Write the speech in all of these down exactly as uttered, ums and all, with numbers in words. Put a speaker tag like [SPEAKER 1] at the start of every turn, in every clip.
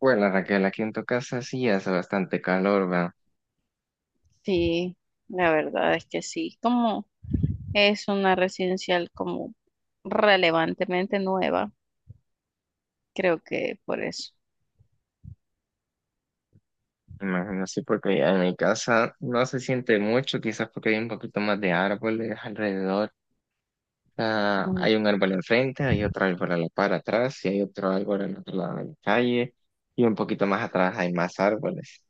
[SPEAKER 1] Bueno, Raquel, aquí en tu casa sí hace bastante calor, ¿verdad?
[SPEAKER 2] Sí, la verdad es que sí. Como es una residencial como relevantemente nueva, creo que por eso.
[SPEAKER 1] Imagino sí, porque en mi casa no se siente mucho, quizás porque hay un poquito más de árboles alrededor. Ah,
[SPEAKER 2] Mm,
[SPEAKER 1] hay un árbol enfrente, hay otro árbol a la par atrás y hay otro árbol al otro lado de la calle y un poquito más atrás hay más árboles.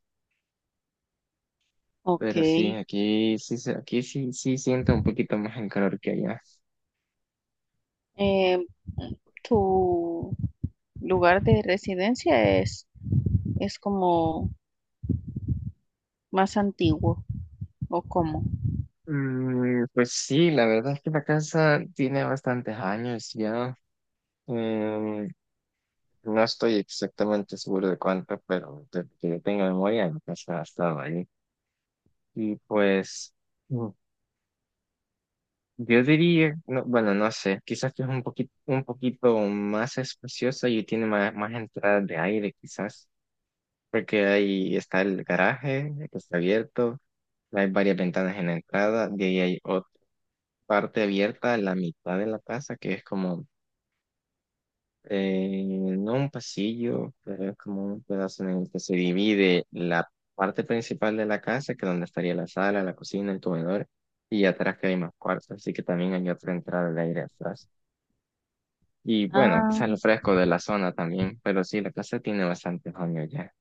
[SPEAKER 2] Ok.
[SPEAKER 1] Pero sí, aquí sí, se- aquí sí, sí siento un poquito más el calor que allá.
[SPEAKER 2] Eh, ¿Tu lugar de residencia es, es como más antiguo o cómo?
[SPEAKER 1] Mm, pues sí, la verdad es que la casa tiene bastantes años ya. Em, No estoy exactamente seguro de cuánto, pero de que yo tenga memoria, entonces ha estado ahí. Y pues, mm, yo diría, no, bueno, no sé, quizás que es un poquito, un poquito más espaciosa y tiene más, más entradas de aire, quizás, porque ahí está el garaje, que está abierto, hay varias ventanas en la entrada, de ahí hay otra parte abierta a la mitad de la casa, que es como. Eh, no un pasillo, pero es como un pedazo en el que se divide la parte principal de la casa, que donde estaría la sala, la cocina, el comedor, y atrás que hay más cuartos, así que también hay otra entrada de aire atrás. Y bueno,
[SPEAKER 2] Ah,
[SPEAKER 1] quizás lo fresco de la zona también, pero sí, la casa tiene bastantes años ya.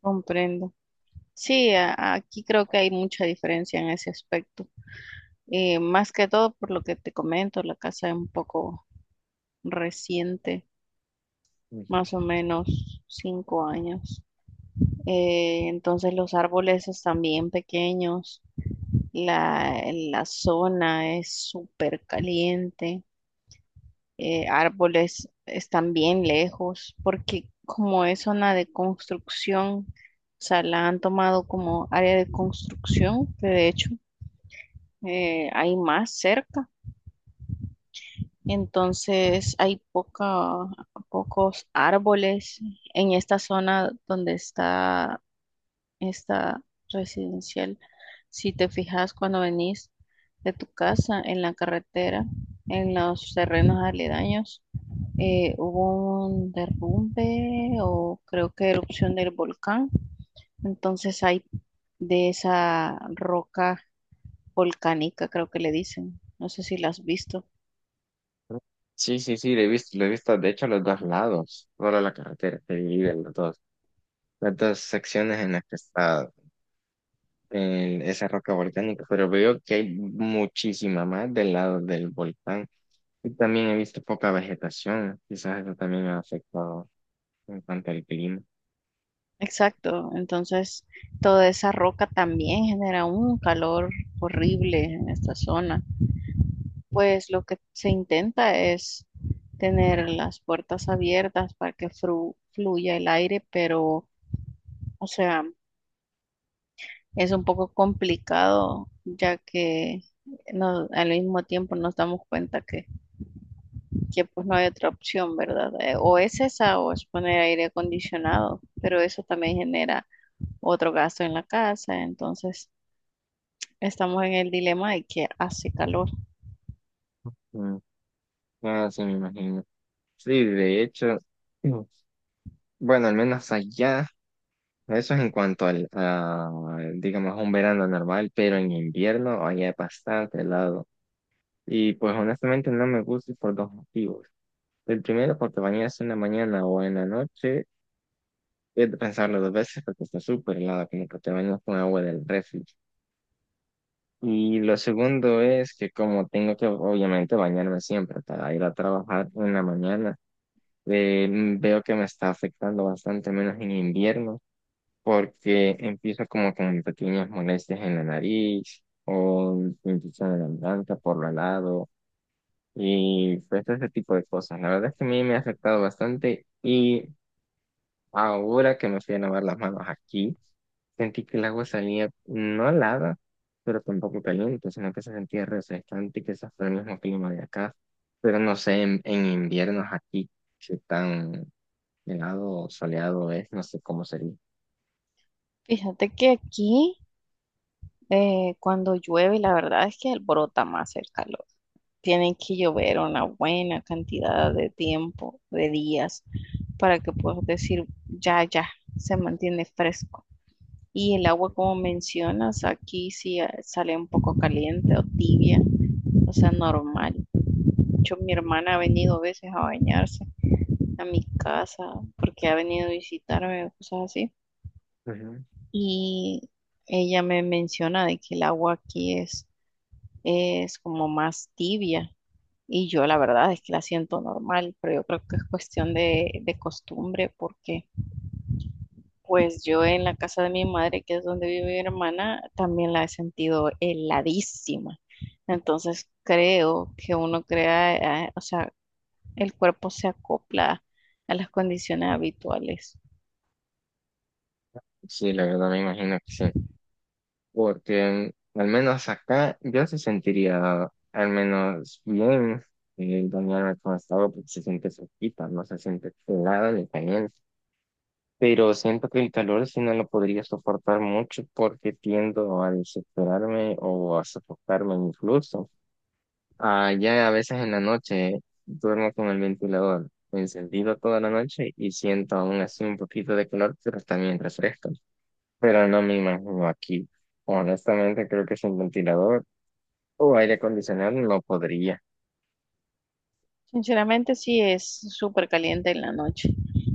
[SPEAKER 2] comprendo. Sí, a- aquí creo que hay mucha diferencia en ese aspecto. Eh, más que todo por lo que te comento, la casa es un poco reciente.
[SPEAKER 1] Ujú.
[SPEAKER 2] Más o menos cinco años. Eh, entonces los árboles están bien pequeños, la, la zona es súper caliente, eh, árboles están bien lejos, porque como es zona de construcción, o sea, la han tomado como área de construcción, que de hecho eh, hay más cerca. Entonces hay poca, pocos árboles en esta zona donde está esta residencial. Si te fijas cuando venís de tu casa en la carretera, en los terrenos aledaños, eh, hubo un derrumbe o creo que erupción del volcán. Entonces hay de esa roca volcánica, creo que le dicen. No sé si la has visto.
[SPEAKER 1] Sí, sí, sí, lo he visto, lo he visto, de hecho, los dos lados, solo la carretera se divide en los dos, las dos secciones en las que está en esa roca volcánica, pero veo que hay muchísima más del lado del volcán y también he visto poca vegetación, quizás eso también ha afectado en cuanto al clima.
[SPEAKER 2] Exacto, entonces toda esa roca también genera un calor horrible en esta zona. Pues lo que se intenta es tener las puertas abiertas para que fru- fluya el aire, pero, o sea, es un poco complicado ya que no- al mismo tiempo nos damos cuenta que, que, pues no hay otra opción, ¿verdad? Eh, O es esa o es poner aire acondicionado, pero eso también genera otro gasto en la casa, entonces estamos en el dilema de que hace calor.
[SPEAKER 1] Mm, ah, sí, me imagino. Sí, de hecho, mm, bueno, al menos allá, eso es en cuanto al, a, digamos, un verano normal, pero en invierno allá es bastante helado y pues honestamente no me gusta por dos motivos. El primero, porque bañarse en la mañana o en la noche es de pensarlo dos veces porque está súper helado, como que te bañas con agua del refri. Y lo segundo es que como tengo que obviamente bañarme siempre para ir a trabajar en la mañana, eh, mm, veo que me está afectando bastante menos en invierno porque empiezo como con pequeñas molestias en la nariz o infección en la garganta por lo helado y pues ese tipo de cosas. La verdad es que a mí me ha afectado bastante. Y ahora que me fui a lavar las manos aquí, sentí que el agua salía no helada, pero tampoco caliente, sino que se sentía refrescante y que quizás fue el mismo clima de acá. Pero no sé, en, en inviernos aquí, si tan helado o soleado es, no sé cómo sería.
[SPEAKER 2] Fíjate que aquí Eh, cuando llueve, la verdad es que alborota más el calor. Tienen que llover una buena cantidad de tiempo, de días, para que puedas decir, ya, ya, se mantiene fresco. Y el agua, como mencionas, aquí sí eh, sale un poco caliente o tibia, o sea, normal. De hecho, mi hermana ha venido a veces a bañarse a mi casa porque ha venido a visitarme, cosas así.
[SPEAKER 1] Ujú.
[SPEAKER 2] Y ella me menciona de que el agua aquí es es como más tibia. Y yo la verdad es que la siento normal, pero yo creo que es cuestión de, de costumbre, porque pues yo en la casa de mi madre, que es donde vive mi hermana, también la he sentido heladísima. Entonces creo que uno crea, eh, o sea, el cuerpo se acopla a las condiciones habituales.
[SPEAKER 1] Sí, la verdad me imagino que sí, porque mm, al menos acá yo se sentiría al menos bien eh, bañarme con esta agua porque se siente fresquita, no se siente helada ni caliente. Pero siento que el calor sí no lo podría soportar mucho porque tiendo a desesperarme o a sofocarme incluso. Ah, ya a veces en la noche duermo con el ventilador encendido toda la noche y siento aún así un poquito de calor, pero también refresco. Pero no me imagino aquí. Honestamente creo que sin ventilador o aire acondicionado no podría.
[SPEAKER 2] Sinceramente sí es súper caliente en la noche,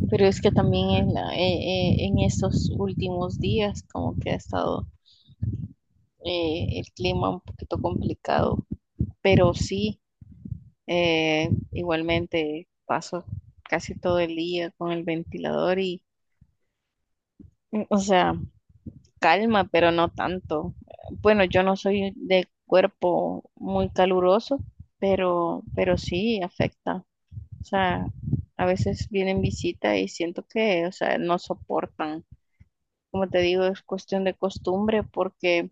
[SPEAKER 2] pero es que también
[SPEAKER 1] Ujú,
[SPEAKER 2] en, la- eh, eh, en estos últimos días como que ha estado eh, el clima un poquito complicado, pero sí, eh, igualmente paso casi todo el día con el ventilador y, mm, o sea, calma, pero no tanto. Bueno, yo no soy de cuerpo muy caluroso, pero, pero sí afecta. O sea, a veces vienen visitas y siento que, o sea, no soportan. Como te digo, es cuestión de costumbre porque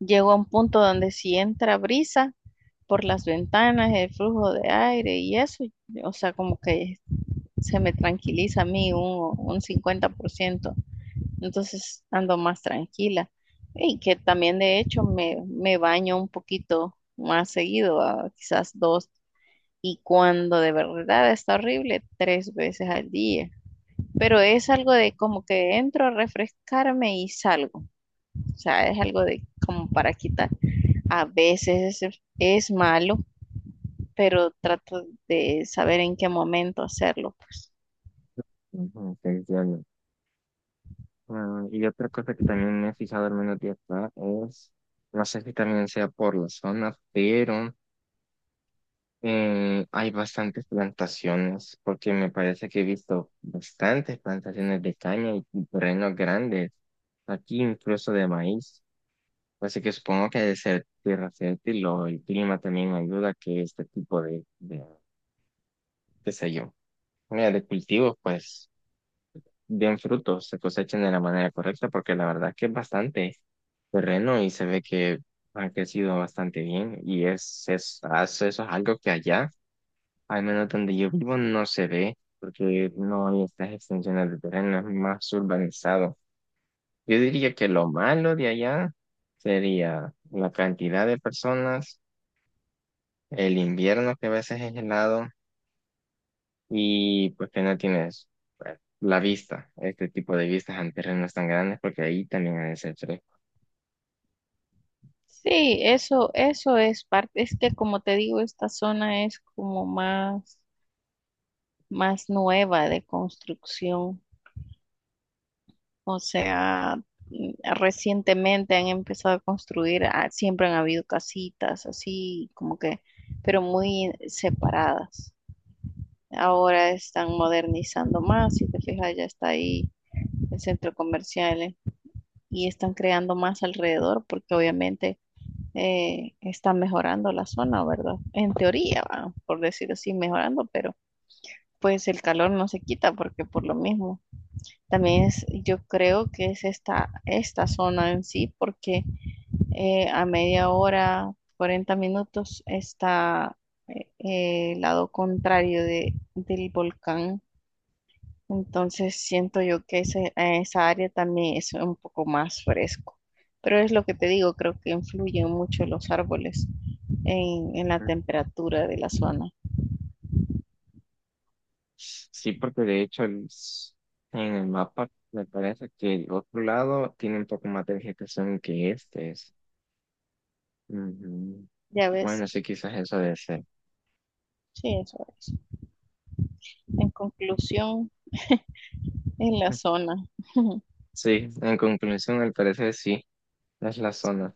[SPEAKER 2] llegó a un punto donde si entra brisa por las ventanas, el flujo de aire y eso, o sea, como que se me tranquiliza a mí un, un cincuenta por ciento, entonces ando más tranquila. Y que también de hecho me, me baño un poquito más seguido, ah, quizás dos, y cuando de verdad está horrible, tres veces al día. Pero es algo de como que entro a refrescarme y salgo. O sea, es algo de como para quitar. A veces es, es malo, pero trato de saber en qué momento hacerlo, pues.
[SPEAKER 1] ujú, te entiendo. Mm, y otra cosa que también me he fijado al menos de acá es, no sé si también sea por la zona, pero eh, hay bastantes plantaciones, porque me parece que he visto bastantes plantaciones de caña y y terrenos grandes, aquí incluso de maíz. Así que supongo que de ser tierra fértil o el clima también ayuda a que este tipo de, de, qué sé yo, mira, de cultivos pues bien frutos, se cosechan de la manera correcta, porque la verdad que es bastante terreno y se ve que ha crecido bastante bien y es, es, es- eso es algo que allá, al menos donde yo vivo, no se ve, porque no hay estas extensiones de terreno, es más urbanizado. Yo diría que lo malo de allá sería la cantidad de personas, el invierno que a veces es helado y pues que no tienes pues, la vista, este tipo de vistas en terrenos tan grandes, porque ahí también hay ese fresco.
[SPEAKER 2] Sí, eso, eso es parte, es que como te digo, esta zona es como más, más nueva de construcción. O sea, mm, recientemente han empezado a construir, ah, siempre han habido casitas así, como que, pero muy separadas. Ahora están modernizando más, si te fijas, ya está ahí el centro comercial y están creando más alrededor porque obviamente eh, están mejorando la zona, ¿verdad? En teoría, va, por decirlo así, mejorando, pero pues el calor no se quita porque por lo mismo. También es, yo creo que es esta, esta zona en sí porque eh, a media hora, cuarenta minutos está eh, eh, el lado contrario de, del volcán, entonces siento yo que ese, eh, esa área también es un poco más fresco. Pero es lo que te digo, creo que influyen mucho los árboles en, en la temperatura de la zona.
[SPEAKER 1] Sí, porque de hecho el en el mapa me parece que el otro lado tiene un poco más de vegetación que este es. Ujú.
[SPEAKER 2] Ya ves,
[SPEAKER 1] Bueno, sí, quizás eso debe ser.
[SPEAKER 2] sí, eso es. En conclusión, en la
[SPEAKER 1] Ujú.
[SPEAKER 2] zona.
[SPEAKER 1] Sí, en conclusión, al parecer sí, es la zona.